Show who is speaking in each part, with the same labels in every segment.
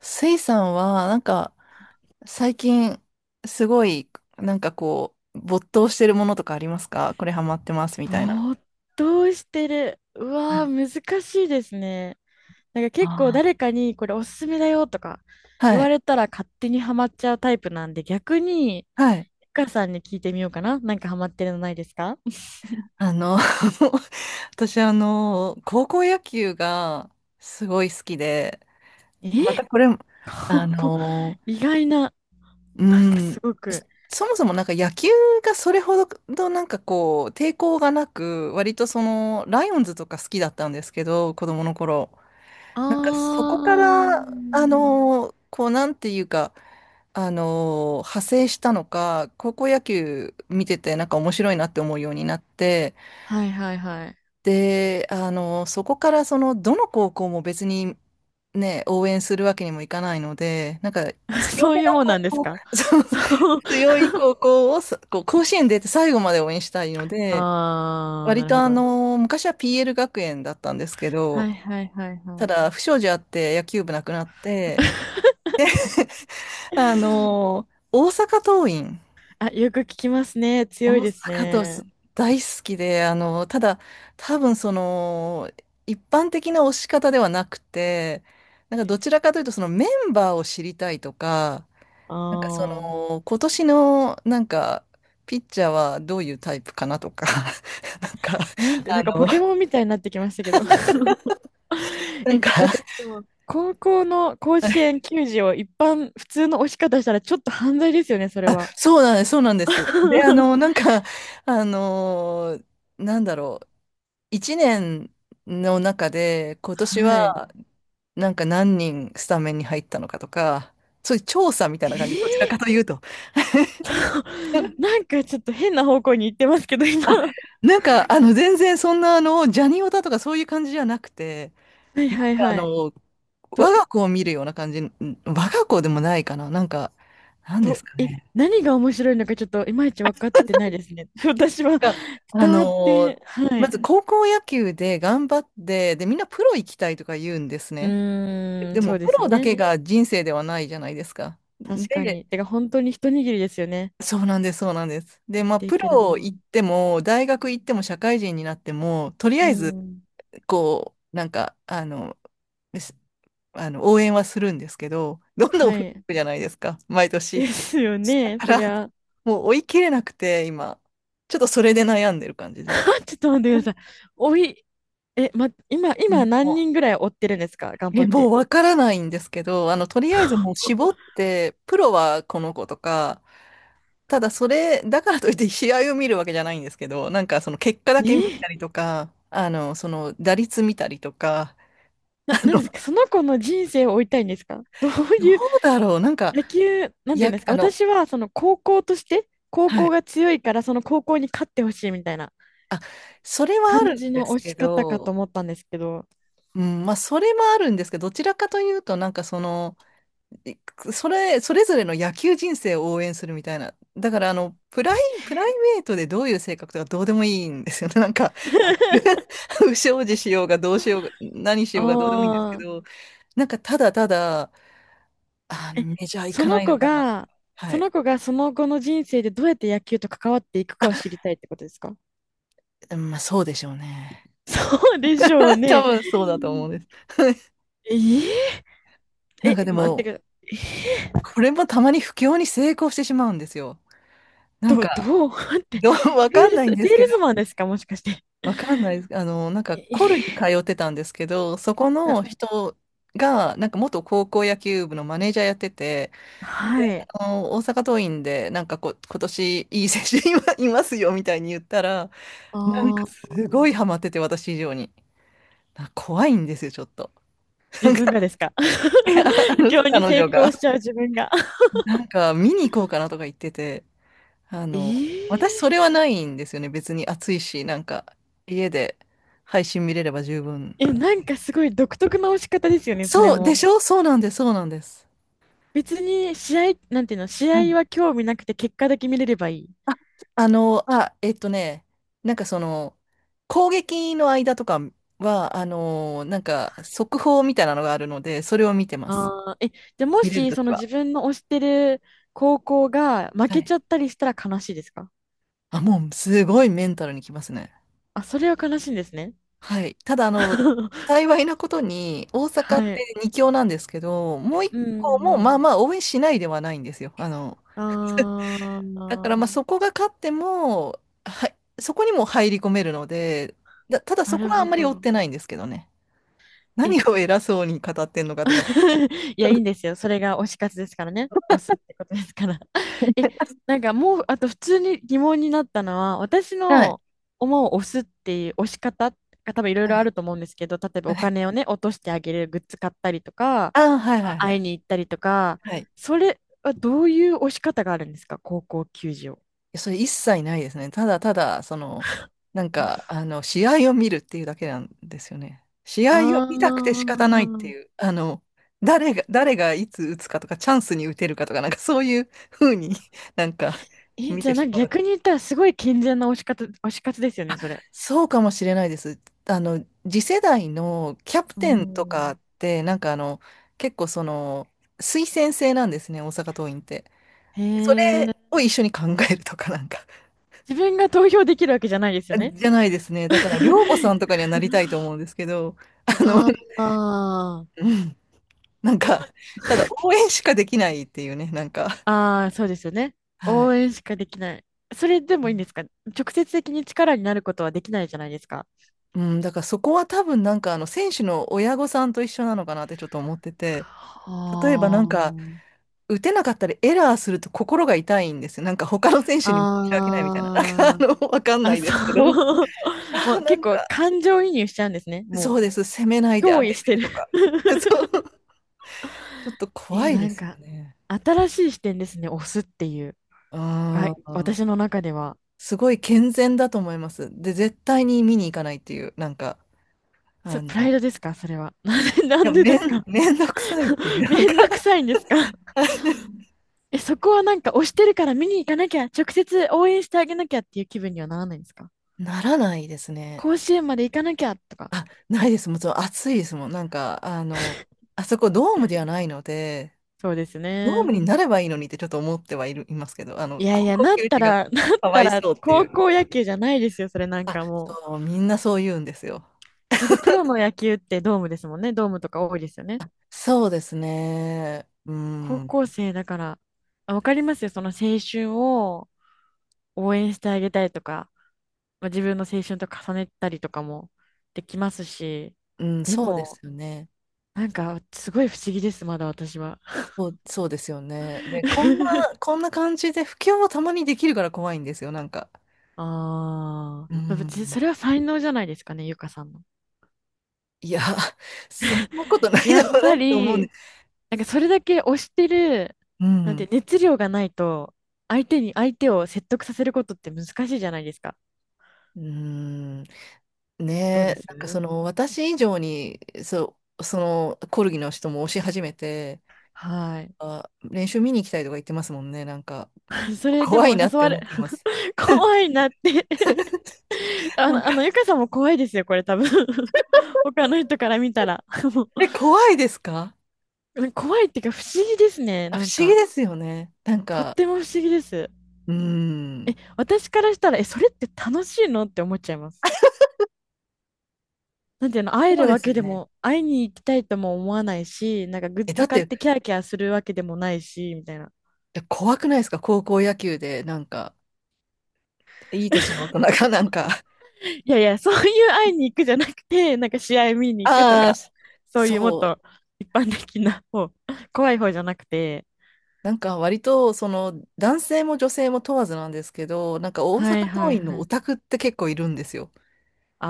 Speaker 1: スイさんは、なんか、最近、すごい、なんかこう、没頭してるものとかありますか？これハマってますみたいな。
Speaker 2: ぼーっとしてる。うわー、難しいですね。なんか結構誰
Speaker 1: あ
Speaker 2: かにこれおすすめだよとか
Speaker 1: あ、
Speaker 2: 言
Speaker 1: は
Speaker 2: わ
Speaker 1: い。
Speaker 2: れたら勝手にハマっちゃうタイプなんで、逆に、
Speaker 1: はい。
Speaker 2: ゆかさんに聞いてみようかな。なんかハマってるのないですか？
Speaker 1: あの、私、高校野球がすごい好きで、
Speaker 2: え、
Speaker 1: またこれ、あ
Speaker 2: ここ、
Speaker 1: の、
Speaker 2: 意外な、なん
Speaker 1: う
Speaker 2: かす
Speaker 1: ん、
Speaker 2: ご
Speaker 1: そ
Speaker 2: く。
Speaker 1: そもそもなんか野球がそれほどなんかこう、抵抗がなく、割とその、ライオンズとか好きだったんですけど、子供の頃。なんかそこか
Speaker 2: あ
Speaker 1: ら、
Speaker 2: ー、
Speaker 1: こうなんていうか、派生したのか、高校野球見ててなんか面白いなって思うようになって、
Speaker 2: はいはいはい。
Speaker 1: で、そこからその、どの高校も別にね、応援するわけにもいかないので、なんか 強
Speaker 2: そう
Speaker 1: め
Speaker 2: いう
Speaker 1: の
Speaker 2: もんなんです
Speaker 1: 高校、
Speaker 2: か？
Speaker 1: そう
Speaker 2: そう。
Speaker 1: 強い高校をさこう甲子園出て最後まで応援したいので、
Speaker 2: あー、な
Speaker 1: 割
Speaker 2: る
Speaker 1: と
Speaker 2: ほ
Speaker 1: あ
Speaker 2: ど。
Speaker 1: の、昔は PL 学園だったんですけ
Speaker 2: は
Speaker 1: ど、
Speaker 2: いはいはいは
Speaker 1: た
Speaker 2: い。
Speaker 1: だ不祥事あって野球部なくなって、大阪桐蔭。
Speaker 2: あ、よく聞きますね。強い
Speaker 1: 大阪
Speaker 2: です
Speaker 1: 阪桐
Speaker 2: ね。
Speaker 1: 蔭大好きで、ただ、多分その、一般的な推し方ではなくて、なんかどちらかというと、そのメンバーを知りたいとか、なんかそ
Speaker 2: ああ。
Speaker 1: の、今年の、なんか、ピッチャーはどういうタイプかなとか、なんか、
Speaker 2: なんて、なんかポケモンみたいになってきましたけど。
Speaker 1: な
Speaker 2: え、
Speaker 1: んか、
Speaker 2: だって、でも、高校の甲子園球児を一般、普通の押し方したらちょっと犯罪ですよね、それは。
Speaker 1: そうなんです、そうなんです。で、なんか、あの、なんだろう。一年の中で今年
Speaker 2: はい。
Speaker 1: はなんか何人スタメンに入ったのかとか、そういう調査みたいな感じ、どちらか
Speaker 2: え
Speaker 1: というと。
Speaker 2: ー、なんかちょっと変な方向に行ってますけど、今。
Speaker 1: あ、
Speaker 2: は
Speaker 1: なんか全然そんなジャニオタとかそういう感じじゃなくて、
Speaker 2: い
Speaker 1: なん
Speaker 2: はい
Speaker 1: か
Speaker 2: はい。と、
Speaker 1: 我が子を見るような感じ、我が子でもないかな、なんか、なんで
Speaker 2: と、
Speaker 1: すか
Speaker 2: え、
Speaker 1: ね。
Speaker 2: 何が面白いのかちょっといまいち分かってないですね。私は
Speaker 1: があ
Speaker 2: 伝わっ
Speaker 1: のー
Speaker 2: て、は
Speaker 1: ま
Speaker 2: い。
Speaker 1: ず高校野球で頑張って、で、みんなプロ行きたいとか言うんです
Speaker 2: う
Speaker 1: ね。
Speaker 2: ーん、
Speaker 1: で
Speaker 2: そ
Speaker 1: も
Speaker 2: うで
Speaker 1: プ
Speaker 2: すよ
Speaker 1: ロだ
Speaker 2: ね。
Speaker 1: けが人生ではないじゃないですか。
Speaker 2: 確か
Speaker 1: で、
Speaker 2: に。てか、本当に一握りですよね。
Speaker 1: そうなんです、そうなんです。で、
Speaker 2: 生き
Speaker 1: まあ、
Speaker 2: てい
Speaker 1: プ
Speaker 2: ける
Speaker 1: ロ
Speaker 2: のは。
Speaker 1: 行っても、大学行っても、社会人になっても、とりあ
Speaker 2: う
Speaker 1: えず、
Speaker 2: ん。
Speaker 1: こう、なんか、すあの応援はするんですけど、どんどん
Speaker 2: は
Speaker 1: 増えてい
Speaker 2: い。
Speaker 1: くじゃないですか、毎
Speaker 2: で
Speaker 1: 年。
Speaker 2: すよ
Speaker 1: だ
Speaker 2: ね、
Speaker 1: か
Speaker 2: そ
Speaker 1: ら、
Speaker 2: りゃ。
Speaker 1: もう追い切れなくて、今、ちょっとそれで悩んでる感じです。
Speaker 2: ちょっと待ってください。おい、え、ま、今、今何人ぐらい追ってるんですか？頑張
Speaker 1: え、
Speaker 2: っ
Speaker 1: もう
Speaker 2: て。
Speaker 1: わからないんですけど、とりあえずもう絞って、プロはこの子とか、ただそれ、だからといって試合を見るわけじゃないんですけど、なんかその結果だ
Speaker 2: え
Speaker 1: け見
Speaker 2: ー、
Speaker 1: たりとか、その打率見たりとか、
Speaker 2: な、
Speaker 1: あ
Speaker 2: なん
Speaker 1: の、
Speaker 2: ですか？その子の人生を追いたいんですか？どう
Speaker 1: ど
Speaker 2: いう、
Speaker 1: うだろう、なんか、
Speaker 2: 野球、なん
Speaker 1: い
Speaker 2: ていうん
Speaker 1: や、
Speaker 2: ですか、私は、その高校として、高
Speaker 1: は
Speaker 2: 校
Speaker 1: い、
Speaker 2: が強いから、その高校に勝ってほしいみたいな
Speaker 1: それはある
Speaker 2: 感じ
Speaker 1: んで
Speaker 2: の
Speaker 1: す
Speaker 2: 推
Speaker 1: け
Speaker 2: し方かと
Speaker 1: ど、
Speaker 2: 思ったんですけど。
Speaker 1: うん、まあ、それもあるんですけど、どちらかというと、なんかその、いそれ、それぞれの野球人生を応援するみたいな。だから、プライベートでどういう性格とかどうでもいいんですよね。なんか、あの 不祥事しようがどうしようが、何し
Speaker 2: あ
Speaker 1: ようがどうでもいいんですけ
Speaker 2: あ。
Speaker 1: ど、なんかただただ、あ、メジャー行
Speaker 2: そ
Speaker 1: か
Speaker 2: の
Speaker 1: ないの
Speaker 2: 子
Speaker 1: かな。
Speaker 2: が、
Speaker 1: は
Speaker 2: そ
Speaker 1: い。
Speaker 2: の子がその後の人生でどうやって野球と関わっていくかを知りたいってことですか？
Speaker 1: まあそうでしょうね。
Speaker 2: そうでしょう
Speaker 1: 多
Speaker 2: ね。
Speaker 1: 分そうだと思うんです。
Speaker 2: えー、
Speaker 1: なん
Speaker 2: え、
Speaker 1: かで
Speaker 2: 待ってく
Speaker 1: も、
Speaker 2: ださい。
Speaker 1: これもたまに不況に成功してしまうんですよ。なん
Speaker 2: ど
Speaker 1: か、
Speaker 2: どう 待って、
Speaker 1: どう、わ
Speaker 2: セ
Speaker 1: か
Speaker 2: ー
Speaker 1: ん
Speaker 2: ル
Speaker 1: な
Speaker 2: ス、
Speaker 1: いんで
Speaker 2: セー
Speaker 1: すけ
Speaker 2: ル
Speaker 1: ど、
Speaker 2: スマンですか、もしかして。
Speaker 1: わかんないです。なんかコルに通
Speaker 2: え
Speaker 1: ってたんですけど、そこ
Speaker 2: な、
Speaker 1: の人が、なんか元高校野球部のマネージャーやってて、
Speaker 2: はい。
Speaker 1: 大阪桐蔭で、なんか今年いい選手いまいますよみたいに言ったら、なんか
Speaker 2: ああ、
Speaker 1: すごいハマってて、私以上に。怖いんですよ、ちょっと。
Speaker 2: 自分がですか？
Speaker 1: あ
Speaker 2: 不
Speaker 1: の
Speaker 2: 況に
Speaker 1: 彼
Speaker 2: 成
Speaker 1: 女
Speaker 2: 功
Speaker 1: が。
Speaker 2: しちゃう自分が。
Speaker 1: なんか見に行こうかなとか言ってて、あ
Speaker 2: え
Speaker 1: の、私
Speaker 2: ー
Speaker 1: そ れはないんですよね。別に暑いし、なんか家で配信見れれば十分。
Speaker 2: え、なんかすごい独特な押し方ですよね、それ
Speaker 1: そうで
Speaker 2: も。
Speaker 1: しょ、そうなんです、そうなんです。
Speaker 2: 別に試合、なんていうの、試
Speaker 1: はい。
Speaker 2: 合は興味なくて結果だけ見れればいい。
Speaker 1: あ、あ、なんかその、攻撃の間とかは、なんか速報みたいなのがあるので、それを見てます。
Speaker 2: ああ、え、じゃあも
Speaker 1: 見れる
Speaker 2: し、
Speaker 1: と
Speaker 2: そ
Speaker 1: き
Speaker 2: の自
Speaker 1: は。
Speaker 2: 分の推してる高校が負
Speaker 1: は
Speaker 2: け
Speaker 1: い。
Speaker 2: ちゃったりしたら悲しいですか？
Speaker 1: あ、もうすごいメンタルにきますね。
Speaker 2: あ、それは悲しいんですね。
Speaker 1: はい。ただ、幸いなことに、大阪っ
Speaker 2: は
Speaker 1: て
Speaker 2: い。
Speaker 1: 2強なんですけど、もう1
Speaker 2: うんう
Speaker 1: 個
Speaker 2: ん
Speaker 1: も、
Speaker 2: う
Speaker 1: ま
Speaker 2: ん。
Speaker 1: あまあ、応援しないではないんですよ。だから、ま
Speaker 2: あ
Speaker 1: あ、そこが勝っても、はい、そこにも入り込めるので、ただ
Speaker 2: あ、な
Speaker 1: そこ
Speaker 2: る
Speaker 1: はあ
Speaker 2: ほ
Speaker 1: んまり追っ
Speaker 2: ど。
Speaker 1: てないんですけどね。
Speaker 2: え、
Speaker 1: 何を偉そうに語ってんのかって感
Speaker 2: いや、いい
Speaker 1: じ。
Speaker 2: んで すよ。それが推し活ですからね。推すってことですから。え、なんかもう、あと普通に疑問になったのは、私
Speaker 1: はい。
Speaker 2: の思う推すっていう推し方が多分いろい
Speaker 1: は
Speaker 2: ろあ
Speaker 1: い。
Speaker 2: ると思うんですけど、例えば
Speaker 1: は
Speaker 2: お
Speaker 1: い。
Speaker 2: 金をね、落としてあげる、グッズ買ったりとか、
Speaker 1: ああ、はい
Speaker 2: ま
Speaker 1: は
Speaker 2: あ、
Speaker 1: いは
Speaker 2: 会い
Speaker 1: い。
Speaker 2: に行ったりとか、
Speaker 1: はい。
Speaker 2: それはどういう推し方があるんですか、高校球児を。
Speaker 1: やそれ一切ないですね。ただただ、その、なんか、試合を見るっていうだけなんですよね。試
Speaker 2: あ
Speaker 1: 合を見たくて仕方ないって
Speaker 2: あ。
Speaker 1: いう、誰がいつ打つかとか、チャンスに打てるかとか、なんかそういう風に なんか
Speaker 2: え、
Speaker 1: 見
Speaker 2: じゃ
Speaker 1: て
Speaker 2: あな
Speaker 1: し
Speaker 2: ん
Speaker 1: ま
Speaker 2: か
Speaker 1: う。
Speaker 2: 逆に言ったらすごい健全な推し活、推し活ですよね、それ。
Speaker 1: そうかもしれないです。次世代のキャプ
Speaker 2: う
Speaker 1: テンとか
Speaker 2: ん。
Speaker 1: って、なんか結構その、推薦制なんですね、大阪桐蔭って。
Speaker 2: へ
Speaker 1: それ
Speaker 2: え。
Speaker 1: を一緒に考えるとか、なんか。
Speaker 2: 自分が投票できるわけじゃないですよね。
Speaker 1: じゃないですね。だから、寮母さん とかにはなりたいと思うんですけど、あの、
Speaker 2: ああ、あ
Speaker 1: うん、なんか、ただ応援しかできないっていうね、なんか、
Speaker 2: あー、そうですよね。
Speaker 1: は
Speaker 2: 応
Speaker 1: い。
Speaker 2: 援しかできない。それでもいいんですか？直接的に力になることはできないじゃないですか。
Speaker 1: うん、だからそこは多分なんか、選手の親御さんと一緒なのかなってちょっと思ってて、例えばな
Speaker 2: は
Speaker 1: んか、打てなかったりエラーすると心が痛いんですよ。なんか他の選手に申し訳ないみたいな、なんか、
Speaker 2: あ、あー
Speaker 1: わかんな
Speaker 2: あ、
Speaker 1: いで
Speaker 2: そ
Speaker 1: すけど、
Speaker 2: う。も
Speaker 1: あ
Speaker 2: う
Speaker 1: な
Speaker 2: 結
Speaker 1: ん
Speaker 2: 構
Speaker 1: か、
Speaker 2: 感情移入しちゃうんですね。
Speaker 1: そ
Speaker 2: も
Speaker 1: うです、攻めない
Speaker 2: う、
Speaker 1: であ
Speaker 2: 憑
Speaker 1: げ
Speaker 2: 依して
Speaker 1: てと
Speaker 2: る
Speaker 1: か、そう、ちょっと
Speaker 2: え
Speaker 1: 怖
Speaker 2: ー、
Speaker 1: い
Speaker 2: な
Speaker 1: で
Speaker 2: ん
Speaker 1: すよ
Speaker 2: か、
Speaker 1: ね。
Speaker 2: 新しい視点ですね、押すっていう。は
Speaker 1: あ
Speaker 2: い、私
Speaker 1: あ。
Speaker 2: の中では。
Speaker 1: すごい健全だと思います。で、絶対に見に行かないっていう、なんか、
Speaker 2: そ
Speaker 1: あ
Speaker 2: れ
Speaker 1: の、
Speaker 2: プライドですか、それは。なんで、な
Speaker 1: い
Speaker 2: ん
Speaker 1: や、
Speaker 2: でですか？
Speaker 1: めんどくさいってい う、なん
Speaker 2: めん
Speaker 1: か、
Speaker 2: どくさいんですか？ え、そこはなんか推してるから見に行かなきゃ、直接応援してあげなきゃっていう気分にはならないんですか？
Speaker 1: ならないですね。
Speaker 2: 甲子園まで行かなきゃとか。
Speaker 1: あ、ないです。もちろん暑いですもん。なんか、あそこドームではないので、
Speaker 2: そうです
Speaker 1: ドーム
Speaker 2: ね。
Speaker 1: になればいいのにってちょっと思ってはいる、いますけど、
Speaker 2: いやい
Speaker 1: 高
Speaker 2: や、
Speaker 1: 校
Speaker 2: なっ
Speaker 1: 球
Speaker 2: た
Speaker 1: 児が
Speaker 2: ら、なっ
Speaker 1: かわ
Speaker 2: た
Speaker 1: い
Speaker 2: ら
Speaker 1: そうってい
Speaker 2: 高
Speaker 1: う。
Speaker 2: 校野球じゃないですよ、それなん
Speaker 1: あ、
Speaker 2: かもう。
Speaker 1: そう、みんなそう言うんですよ。
Speaker 2: だってプロの野球ってドームですもんね。ドームとか多いですよね。
Speaker 1: そうですね。う
Speaker 2: 高
Speaker 1: ん、
Speaker 2: 校生だから、あ、わかりますよ、その青春を応援してあげたいとか。まあ、自分の青春と重ねたりとかもできますし、
Speaker 1: うん、
Speaker 2: で
Speaker 1: そうで
Speaker 2: も、
Speaker 1: すよね。
Speaker 2: なんか、すごい不思議です、まだ私は。
Speaker 1: そう、そうですよね。で、こんな、こんな感じで、不況をたまにできるから怖いんですよ、なんか。
Speaker 2: あ
Speaker 1: う
Speaker 2: あ、別に
Speaker 1: ん。
Speaker 2: それは才能じゃないですかね、ゆかさんの。
Speaker 1: いや、そんなことないで
Speaker 2: やっ
Speaker 1: もな
Speaker 2: ぱ
Speaker 1: いと思うんで
Speaker 2: り、
Speaker 1: す。
Speaker 2: なんかそれだけ推してる、
Speaker 1: う
Speaker 2: なんて
Speaker 1: ん。
Speaker 2: 熱量がないと、相手に、相手を説得させることって難しいじゃないですか。
Speaker 1: うん。ね
Speaker 2: どうで
Speaker 1: え、
Speaker 2: す
Speaker 1: なんかその、私以上に、そう、その、コルギの人も押し始めて、
Speaker 2: はい。
Speaker 1: あ、練習見に行きたいとか言ってますもんね、なんか。
Speaker 2: それで
Speaker 1: 怖い
Speaker 2: も
Speaker 1: な
Speaker 2: 誘
Speaker 1: って
Speaker 2: わ
Speaker 1: 思
Speaker 2: れ、
Speaker 1: ってます。
Speaker 2: 怖いなって あ
Speaker 1: なん
Speaker 2: の、あの、
Speaker 1: か、
Speaker 2: ゆかさんも怖いですよ、これ多分 他の人から見たら も
Speaker 1: え、怖いですか？
Speaker 2: う怖いっていうか不思議ですね、
Speaker 1: あ、不
Speaker 2: なん
Speaker 1: 思議
Speaker 2: か。
Speaker 1: ですよね。なん
Speaker 2: とっ
Speaker 1: か、
Speaker 2: ても不思議です。
Speaker 1: うん。
Speaker 2: 私からしたら、え、それって楽しいのって思っちゃいます。なんていうの、会
Speaker 1: そ
Speaker 2: え
Speaker 1: う
Speaker 2: る
Speaker 1: で
Speaker 2: わ
Speaker 1: す
Speaker 2: け
Speaker 1: よ
Speaker 2: で
Speaker 1: ね。
Speaker 2: も、会いに行きたいとも思わないし、なんかグッ
Speaker 1: え、だ
Speaker 2: ズ
Speaker 1: っ
Speaker 2: 買っ
Speaker 1: て、
Speaker 2: てキャーキャーするわけでもないし、みたいな。
Speaker 1: で怖くないですか？高校野球で、なんか、いい年の大人がなんか、
Speaker 2: いやいや、そういう会いに行くじゃなくて、なんか試合見 に行くと
Speaker 1: ああ、
Speaker 2: か、そういうもっ
Speaker 1: そう、
Speaker 2: と一般的な方、怖い方じゃなくて。
Speaker 1: なんか割と、その、男性も女性も問わずなんですけど、なんか大阪
Speaker 2: はいはい
Speaker 1: 桐蔭の
Speaker 2: は
Speaker 1: オ
Speaker 2: い。
Speaker 1: タクって結構いるんですよ。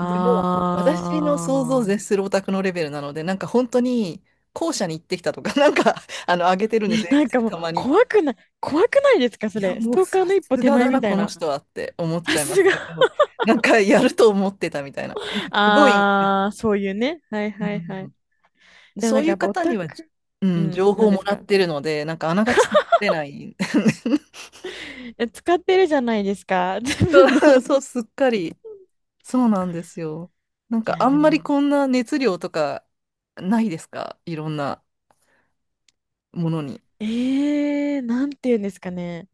Speaker 1: でも、私の想像を
Speaker 2: ー。
Speaker 1: 絶するオタクのレベルなので、なんか本当に、校舎に行ってきたとか、なんか、上げてるんで
Speaker 2: え、
Speaker 1: すよ、
Speaker 2: なん
Speaker 1: X
Speaker 2: か
Speaker 1: で
Speaker 2: もう
Speaker 1: たまに。
Speaker 2: 怖くない、怖くないですか、そ
Speaker 1: いや、
Speaker 2: れ。ス
Speaker 1: もう
Speaker 2: トー
Speaker 1: さ
Speaker 2: カーの一
Speaker 1: す
Speaker 2: 歩手
Speaker 1: が
Speaker 2: 前
Speaker 1: だな、
Speaker 2: みたい
Speaker 1: この
Speaker 2: な。
Speaker 1: 人はって思っ ち
Speaker 2: さ
Speaker 1: ゃいま
Speaker 2: す
Speaker 1: す
Speaker 2: が。
Speaker 1: けど、なんかやると思ってたみたいな。なんかすごい、
Speaker 2: あー、そういうね。はい
Speaker 1: う
Speaker 2: はいはい。
Speaker 1: ん、
Speaker 2: でもな
Speaker 1: そ
Speaker 2: ん
Speaker 1: うい
Speaker 2: かや
Speaker 1: う
Speaker 2: っぱオ
Speaker 1: 方
Speaker 2: タ
Speaker 1: には、
Speaker 2: ク、
Speaker 1: う
Speaker 2: う
Speaker 1: ん、情
Speaker 2: ん、
Speaker 1: 報
Speaker 2: なん
Speaker 1: を
Speaker 2: で
Speaker 1: も
Speaker 2: す
Speaker 1: らっ
Speaker 2: か。
Speaker 1: てるので、なんかあながち出ない。
Speaker 2: え、使ってるじゃないですか、自分の。
Speaker 1: そう、そうすっかり。そうなんですよ。なん
Speaker 2: い
Speaker 1: か
Speaker 2: や、
Speaker 1: あ
Speaker 2: で
Speaker 1: んまり
Speaker 2: も、
Speaker 1: こんな熱量とかないですか？いろんなものに。
Speaker 2: えー、なんて言うんですかね。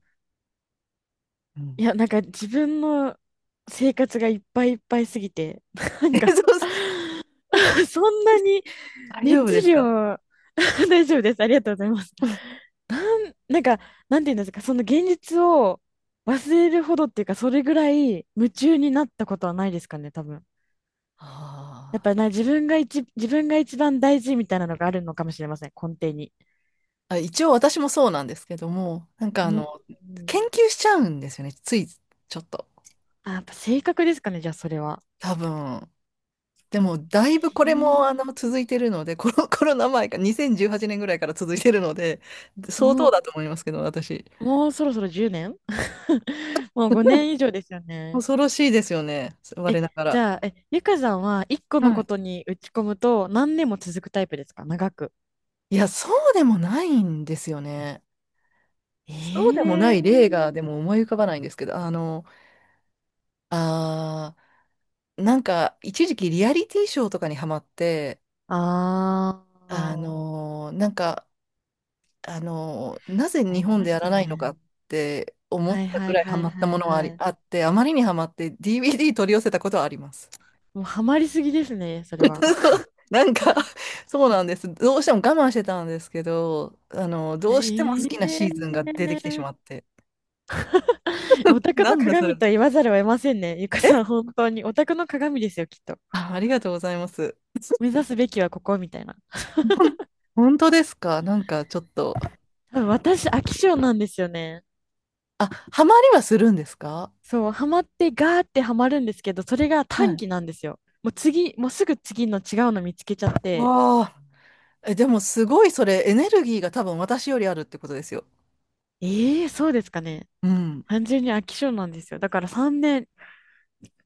Speaker 1: う
Speaker 2: い
Speaker 1: ん。
Speaker 2: や、なんか自分の生活がいっぱいいっぱいすぎて、な ん
Speaker 1: え、そ
Speaker 2: か
Speaker 1: う、
Speaker 2: そんなに
Speaker 1: 大丈夫
Speaker 2: 熱
Speaker 1: ですか？
Speaker 2: 量 大丈夫です。ありがとうございます。なんか、なんて言うんですか、その現実を忘れるほどっていうか、それぐらい夢中になったことはないですかね、多分。やっ
Speaker 1: あ
Speaker 2: ぱりな、自分が一、自分が一番大事みたいなのがあるのかもしれません、根底に。
Speaker 1: ー、あ、一応私もそうなんですけども、なんか
Speaker 2: う
Speaker 1: あ
Speaker 2: ん。
Speaker 1: の、研究しちゃうんですよね。ついちょっと。
Speaker 2: あ、やっぱ性格ですかね、じゃあそれは。
Speaker 1: 多分。でも、だ
Speaker 2: え
Speaker 1: いぶこれもあの
Speaker 2: ー、
Speaker 1: 続いてるので、コロナ前か、2018年ぐらいから続いてるので、相当
Speaker 2: お、
Speaker 1: だと思いますけど、私。
Speaker 2: もうそろそろ10年 もう5 年以上ですよね。
Speaker 1: 恐ろしいですよね、
Speaker 2: え、
Speaker 1: 我なが
Speaker 2: じ
Speaker 1: ら。
Speaker 2: ゃあ、え、ゆかさんは1個の
Speaker 1: は
Speaker 2: こ
Speaker 1: い。
Speaker 2: とに打ち込むと何年も続くタイプですか、長く。
Speaker 1: いや、そうでもないんですよね。
Speaker 2: え
Speaker 1: そうでもな
Speaker 2: え
Speaker 1: い例が、
Speaker 2: ー、
Speaker 1: でも思い浮かばないんですけど、あー、なんか、一時期リアリティショーとかにハマって、
Speaker 2: ああ、
Speaker 1: なんか、なぜ
Speaker 2: あ
Speaker 1: 日
Speaker 2: り
Speaker 1: 本
Speaker 2: ま
Speaker 1: で
Speaker 2: し
Speaker 1: やら
Speaker 2: た
Speaker 1: ないの
Speaker 2: ね。
Speaker 1: かって思
Speaker 2: は
Speaker 1: っ
Speaker 2: い
Speaker 1: た
Speaker 2: は
Speaker 1: ぐ
Speaker 2: い
Speaker 1: らいハ
Speaker 2: はい
Speaker 1: マった
Speaker 2: はい
Speaker 1: ものはあ
Speaker 2: は
Speaker 1: り、
Speaker 2: い。
Speaker 1: あって、あまりにハマって DVD 取り寄せたことはあります。
Speaker 2: もうハマりすぎですね、それは。
Speaker 1: そうなんか、そうなんです。どうしても我慢してたんですけど、どうしても
Speaker 2: え
Speaker 1: 好きなシ
Speaker 2: え
Speaker 1: ーズンが出てきてしまっ
Speaker 2: ー、
Speaker 1: て。
Speaker 2: オタク
Speaker 1: な
Speaker 2: の
Speaker 1: んだそれ。
Speaker 2: 鏡と言わざるを得ませんね。ゆかさん、本当に。オタクの鏡ですよ、きっと。
Speaker 1: あ、ありがとうございます。
Speaker 2: 目指すべきはここみたいな。
Speaker 1: ほん本当ですか？なんかちょっと。
Speaker 2: 多分私、飽き性なんですよね。
Speaker 1: あ、ハマりはするんですか？
Speaker 2: そう、ハマってガーってハマるんですけど、それが
Speaker 1: は
Speaker 2: 短
Speaker 1: い。
Speaker 2: 期なんですよ。もう次、もうすぐ次の違うの見つけちゃって、
Speaker 1: わあ。え、でもすごいそれエネルギーが多分私よりあるってことですよ。
Speaker 2: ええー、そうですかね。
Speaker 1: うん。
Speaker 2: 単純に飽き性なんですよ。だから3年、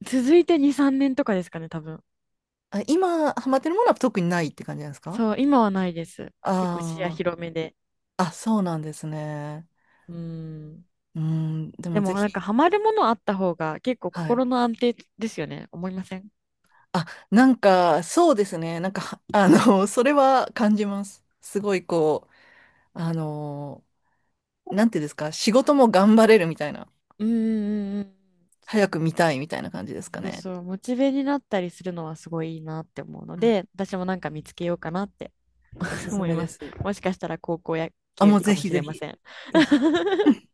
Speaker 2: 続いて2、3年とかですかね、多分。
Speaker 1: あ、今、ハマってるものは特にないって感じなんですか？
Speaker 2: そう、今はないです。結構視野
Speaker 1: あ
Speaker 2: 広めで。
Speaker 1: あー、あ、そうなんですね。
Speaker 2: うーん。
Speaker 1: うん、で
Speaker 2: で
Speaker 1: もぜ
Speaker 2: もなんか
Speaker 1: ひ、
Speaker 2: ハマるものあった方が結構
Speaker 1: はい。
Speaker 2: 心の安定ですよね。思いません？
Speaker 1: あ、なんか、そうですね。なんか、はそれは感じます。すごい、こう、あの、なんていうんですか、仕事も頑張れるみたいな、
Speaker 2: うーんうんうん。
Speaker 1: 早く見たいみたいな感じですか
Speaker 2: そう
Speaker 1: ね。
Speaker 2: そう、モチベになったりするのはすごいいいなって思うの
Speaker 1: うん、
Speaker 2: で、私もなんか見つけようかなって
Speaker 1: おす す
Speaker 2: 思い
Speaker 1: め
Speaker 2: ま
Speaker 1: で
Speaker 2: す。
Speaker 1: す。
Speaker 2: もしかしたら高校野
Speaker 1: あ、も
Speaker 2: 球
Speaker 1: う
Speaker 2: か
Speaker 1: ぜ
Speaker 2: も
Speaker 1: ひ
Speaker 2: し
Speaker 1: ぜ
Speaker 2: れま
Speaker 1: ひ、
Speaker 2: せん。
Speaker 1: ぜひ。